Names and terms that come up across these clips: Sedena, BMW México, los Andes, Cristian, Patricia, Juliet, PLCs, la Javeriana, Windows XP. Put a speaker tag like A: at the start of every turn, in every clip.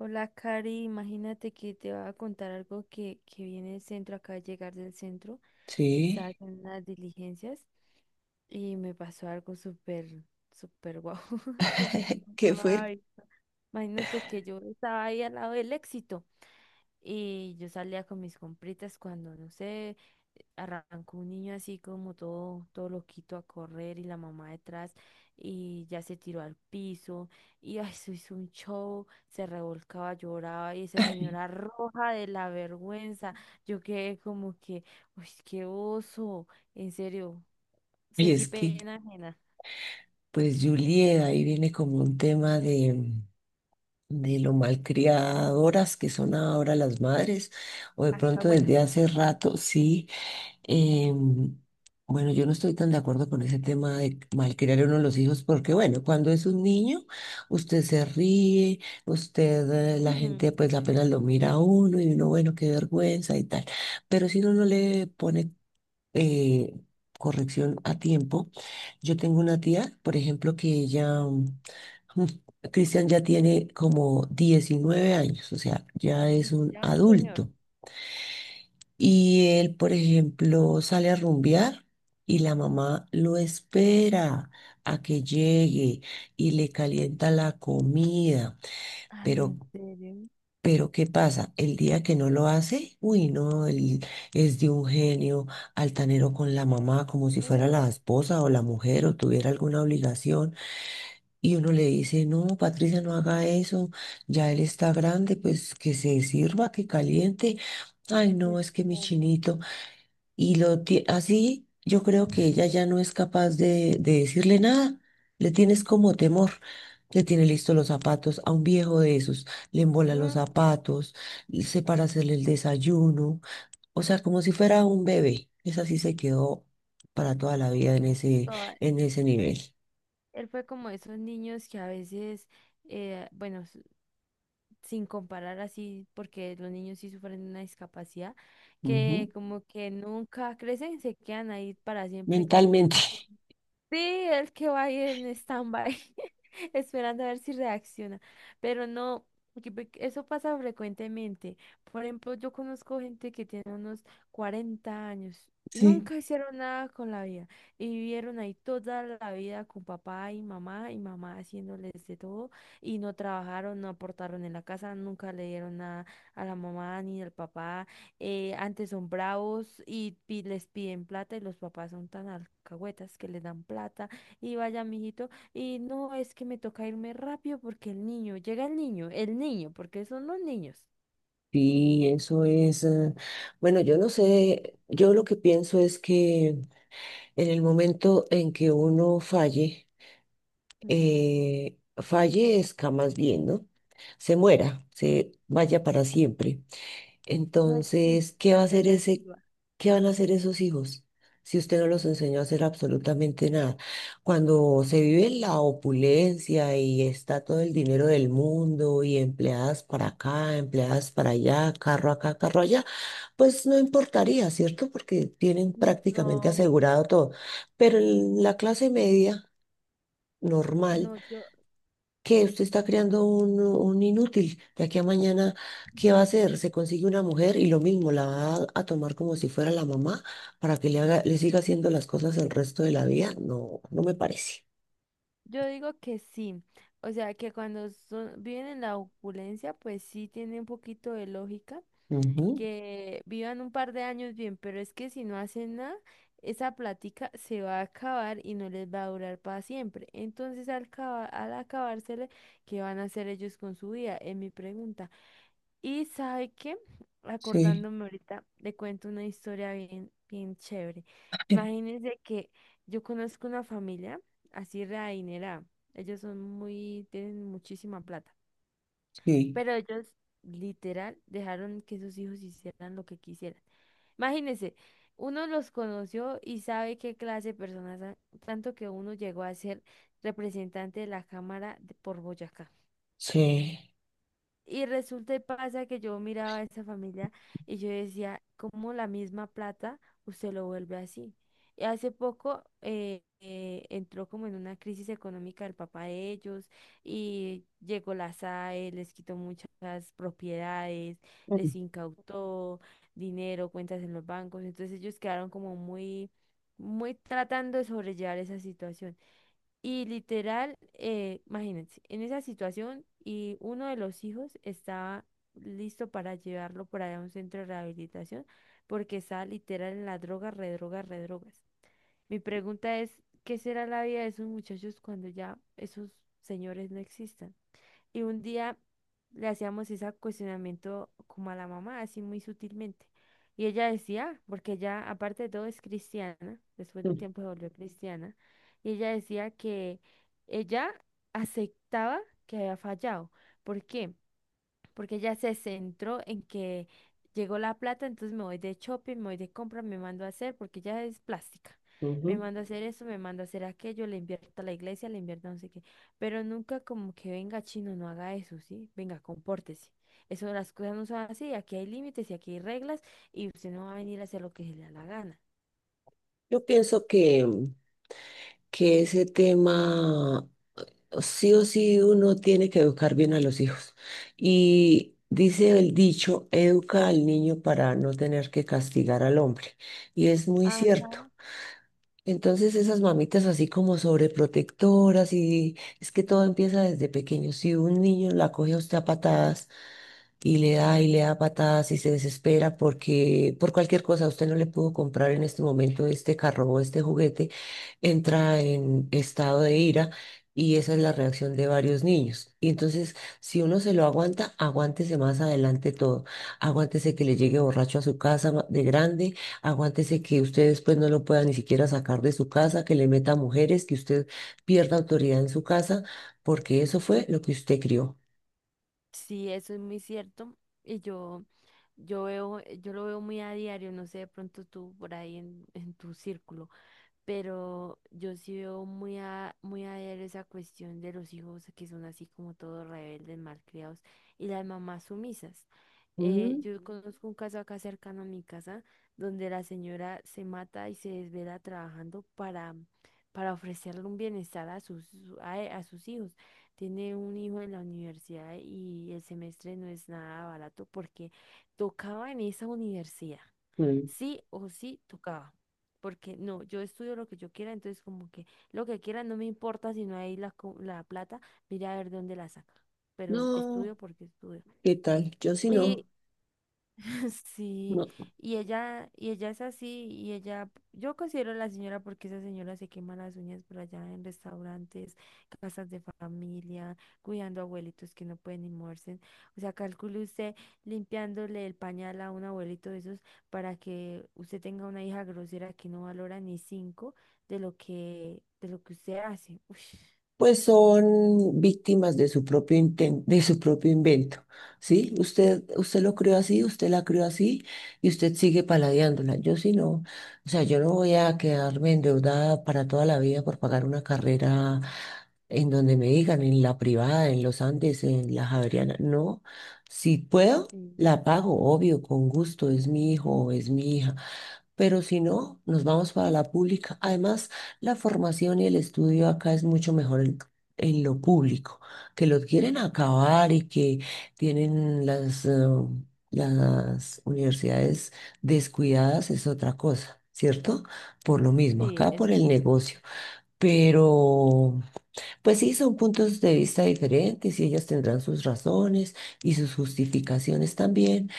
A: Hola, Cari, imagínate que te voy a contar algo que viene del centro, acaba de llegar del centro, estaba
B: Sí.
A: haciendo unas diligencias y me pasó algo súper, súper guau, pues
B: ¿Qué
A: no,
B: fue?
A: ay, imagínate que yo estaba ahí al lado del Éxito y yo salía con mis compritas cuando, no sé, arrancó un niño así como todo loquito a correr y la mamá detrás y ya se tiró al piso y ay, se hizo un show, se revolcaba, lloraba y esa señora roja de la vergüenza. Yo quedé como que, uy, qué oso, en serio,
B: Y
A: sentí
B: es que,
A: pena ajena.
B: pues, Juliet, ahí viene como un tema de, lo malcriadoras que son ahora las madres, o de pronto desde
A: Alcahuetas.
B: hace rato, sí. em, bueno, yo no estoy tan de acuerdo con ese tema de malcriar a uno de los hijos, porque, bueno, cuando es un niño, usted se ríe, usted, la gente,
A: Ujú.
B: pues, apenas lo mira a uno y uno, bueno, qué vergüenza y tal. Pero si uno no le pone eh, corrección a tiempo. Yo tengo una tía, por ejemplo, que ella, mm, Cristian ya tiene como 19 años, o sea, ya es un
A: Ya un señor.
B: adulto. Y él, por ejemplo, sale a rumbear y la mamá lo espera a que llegue y le calienta la comida.
A: Ay,
B: Pero
A: en serio.
B: pero ¿qué pasa? El día que no lo hace, uy, no, él es de un genio altanero con la mamá, como si fuera
A: Mm.
B: la esposa o la mujer o tuviera alguna obligación. Y uno le dice, no, Patricia, no haga eso, ya él está grande, pues que se sirva, que caliente. Ay, no,
A: Pues
B: es que mi
A: claro.
B: chinito. Y así yo creo que ella ya no es capaz de decirle nada. Le tienes como temor. Le tiene listos los zapatos a un viejo de esos. Le embola los
A: Mm.
B: zapatos, se para hacerle el desayuno. O sea, como si fuera un bebé. Esa sí se quedó para toda la vida
A: Toda-
B: en ese nivel.
A: Él fue como esos niños que a veces, bueno, sin comparar así, porque los niños sí sufren una discapacidad,
B: Ujú.
A: que como que nunca crecen, se quedan ahí para siempre como en
B: Mentalmente.
A: un... Sí, el que va ahí en stand-by, esperando a ver si reacciona. Pero no, porque eso pasa frecuentemente. Por ejemplo, yo conozco gente que tiene unos 40 años y
B: Sí.
A: nunca hicieron nada con la vida. Y vivieron ahí toda la vida con papá y mamá, y mamá haciéndoles de todo. Y no trabajaron, no aportaron en la casa, nunca le dieron nada a la mamá ni al papá. Antes son bravos y, les piden plata, y los papás son tan alcahuetas que les dan plata y vaya, mijito. Y no, es que me toca irme rápido porque el niño, llega el niño, porque son los niños.
B: Sí, eso es. Bueno, yo no sé. Yo lo que pienso es que en el momento en que uno falle,
A: Mm.
B: fallezca más bien, ¿no? Se muera, se vaya para siempre.
A: No existe,
B: Entonces, ¿qué va a
A: se
B: hacer ese,
A: desviva.
B: qué van a hacer esos hijos? Si usted no los enseñó a hacer absolutamente nada. Cuando se vive en la opulencia y está todo el dinero del mundo y empleadas para acá, empleadas para allá, carro acá, carro allá, pues no importaría, ¿cierto? Porque tienen prácticamente
A: No,
B: asegurado todo. Pero en la clase media, normal,
A: no, yo,
B: que usted está creando un inútil. De aquí a mañana, ¿qué va a hacer? Se consigue una mujer y lo mismo, la va a tomar como si fuera la mamá para que le haga, le siga haciendo las cosas el resto de la vida. No, no me parece.
A: yo digo que sí. O sea, que cuando son, viven en la opulencia, pues sí tiene un poquito de lógica
B: Ujú.
A: que vivan un par de años bien, pero es que si no hacen nada, esa plática se va a acabar y no les va a durar para siempre. Entonces, al acabársele, ¿qué van a hacer ellos con su vida? Es mi pregunta. Y sabe qué,
B: Sí,
A: acordándome ahorita, le cuento una historia bien, bien chévere.
B: sí,
A: Imagínense que yo conozco una familia así readinerada. Ellos son muy, tienen muchísima plata.
B: sí.
A: Pero ellos literal dejaron que sus hijos hicieran lo que quisieran. Imagínense, uno los conoció y sabe qué clase de personas son, tanto que uno llegó a ser representante de la Cámara de- por Boyacá.
B: Sí.
A: Y resulta y pasa que yo miraba a esa familia y yo decía, ¿cómo la misma plata usted lo vuelve así? Y hace poco entró como en una crisis económica el papá de ellos y llegó la SAE, les quitó muchas propiedades,
B: Mm.
A: les incautó dinero, cuentas en los bancos. Entonces ellos quedaron como muy, muy tratando de sobrellevar esa situación. Y literal, imagínense, en esa situación, y uno de los hijos estaba listo para llevarlo por allá a un centro de rehabilitación porque estaba literal en la droga, redroga, redrogas. Mi pregunta es, ¿qué será la vida de esos muchachos cuando ya esos señores no existan? Y un día le hacíamos ese cuestionamiento como a la mamá, así muy sutilmente. Y ella decía, porque ella aparte de todo es cristiana, después de un
B: Mm,
A: tiempo se volvió cristiana, y ella decía que ella aceptaba que había fallado. ¿Por qué? Porque ella se centró en que llegó la plata, entonces me voy de shopping, me voy de compra, me mando a hacer, porque ella es plástica. Me
B: ujú.
A: mando a hacer eso, me mando a hacer aquello, le invierto a la iglesia, le invierto a no sé qué. Pero nunca como que venga chino, no haga eso, ¿sí? Venga, compórtese. Eso, las cosas no son así, aquí hay límites y aquí hay reglas y usted no va a venir a hacer lo que se le da la gana.
B: Yo pienso que, mm, que ese tema sí o sí uno tiene que educar bien a los hijos. Y dice el dicho, educa al niño para no tener que castigar al hombre. Y es muy cierto.
A: Ajá.
B: Entonces esas mamitas así como sobreprotectoras y es que todo empieza desde pequeño. Si un niño la coge a usted a patadas, y le da patadas y se desespera porque por cualquier cosa usted no le pudo comprar en este momento este carro o este juguete, entra en estado de ira y esa es la reacción de varios niños. Y entonces, si uno se lo aguanta, aguántese más adelante todo. Aguántese que le llegue borracho a su casa de grande, aguántese que usted después no lo pueda ni siquiera sacar de su casa, que le meta mujeres, que usted pierda autoridad en su casa, porque eso fue lo que usted crió.
A: Sí, eso es muy cierto. Y yo veo, yo lo veo muy a diario, no sé, de pronto tú por ahí en tu círculo. Pero yo sí veo muy a, muy a ver esa cuestión de los hijos que son así como todos rebeldes, malcriados, y las mamás sumisas. Yo conozco un caso acá cercano a mi casa donde la señora se mata y se desvela trabajando para ofrecerle un bienestar a sus, a sus hijos. Tiene un hijo en la universidad y el semestre no es nada barato porque tocaba en esa universidad,
B: Ujú.
A: sí o sí tocaba. Porque no, yo estudio lo que yo quiera, entonces como que lo que quiera no me importa si no hay la, la plata, mira a ver de dónde la saca. Pero
B: No,
A: estudio porque estudio.
B: ¿qué tal? Yo sí
A: Y
B: no,
A: sí,
B: no.
A: y ella es así, y ella, yo considero a la señora porque esa señora se quema las uñas por allá en restaurantes, casas de familia, cuidando abuelitos que no pueden ni moverse. O sea, calcule usted limpiándole el pañal a un abuelito de esos para que usted tenga una hija grosera que no valora ni cinco de lo que usted hace. Ush.
B: Pues son víctimas de su propio de su propio invento, ¿sí? Usted, usted lo creó así, usted la creó así y usted sigue paladeándola. Yo sí no, o sea, yo no voy a quedarme endeudada para toda la vida por pagar una carrera en donde me digan, en la privada, en los Andes, en la Javeriana. No, si puedo,
A: Sí,
B: la pago, obvio, con gusto, es mi hijo, es mi hija. Pero si no, nos vamos para la pública. Además, la formación y el estudio acá es mucho mejor en lo público, que lo quieren acabar y que tienen las universidades descuidadas es otra cosa, ¿cierto? Por lo mismo,
A: sí,
B: acá por
A: eso
B: el
A: sí.
B: negocio. Pero, pues sí, son puntos de vista diferentes y ellas tendrán sus razones y sus justificaciones también.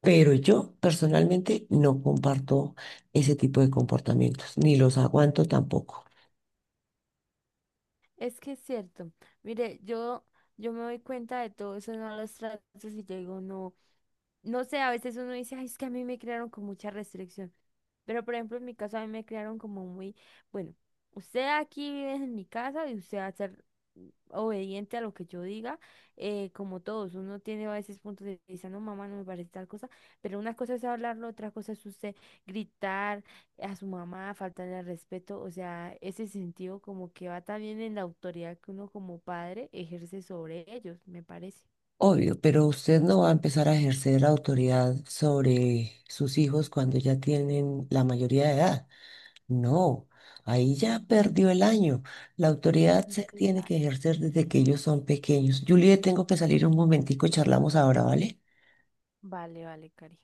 B: Pero yo personalmente no comparto ese tipo de comportamientos, ni los aguanto tampoco.
A: Es que es cierto. Mire, yo me doy cuenta de todo eso en los tratos y yo digo, no, no sé, a veces uno dice, ay, es que a mí me crearon con mucha restricción. Pero, por ejemplo, en mi caso, a mí me crearon como muy, bueno, usted aquí vive en mi casa y usted va a ser obediente a lo que yo diga, como todos. Uno tiene a veces puntos de vista, no, mamá, no me parece tal cosa. Pero una cosa es hablarlo, otra cosa es usted gritar a su mamá, faltarle al respeto. O sea, ese sentido como que va también en la autoridad que uno como padre ejerce sobre ellos, me parece.
B: Obvio, pero usted no va a empezar a ejercer autoridad sobre sus hijos cuando ya tienen la mayoría de edad. No, ahí ya perdió el año. La autoridad se
A: Entonces
B: tiene
A: ya.
B: que ejercer desde que ellos son pequeños. Juliet, tengo que salir un momentico, charlamos ahora, ¿vale?
A: Vale, vale, Cari.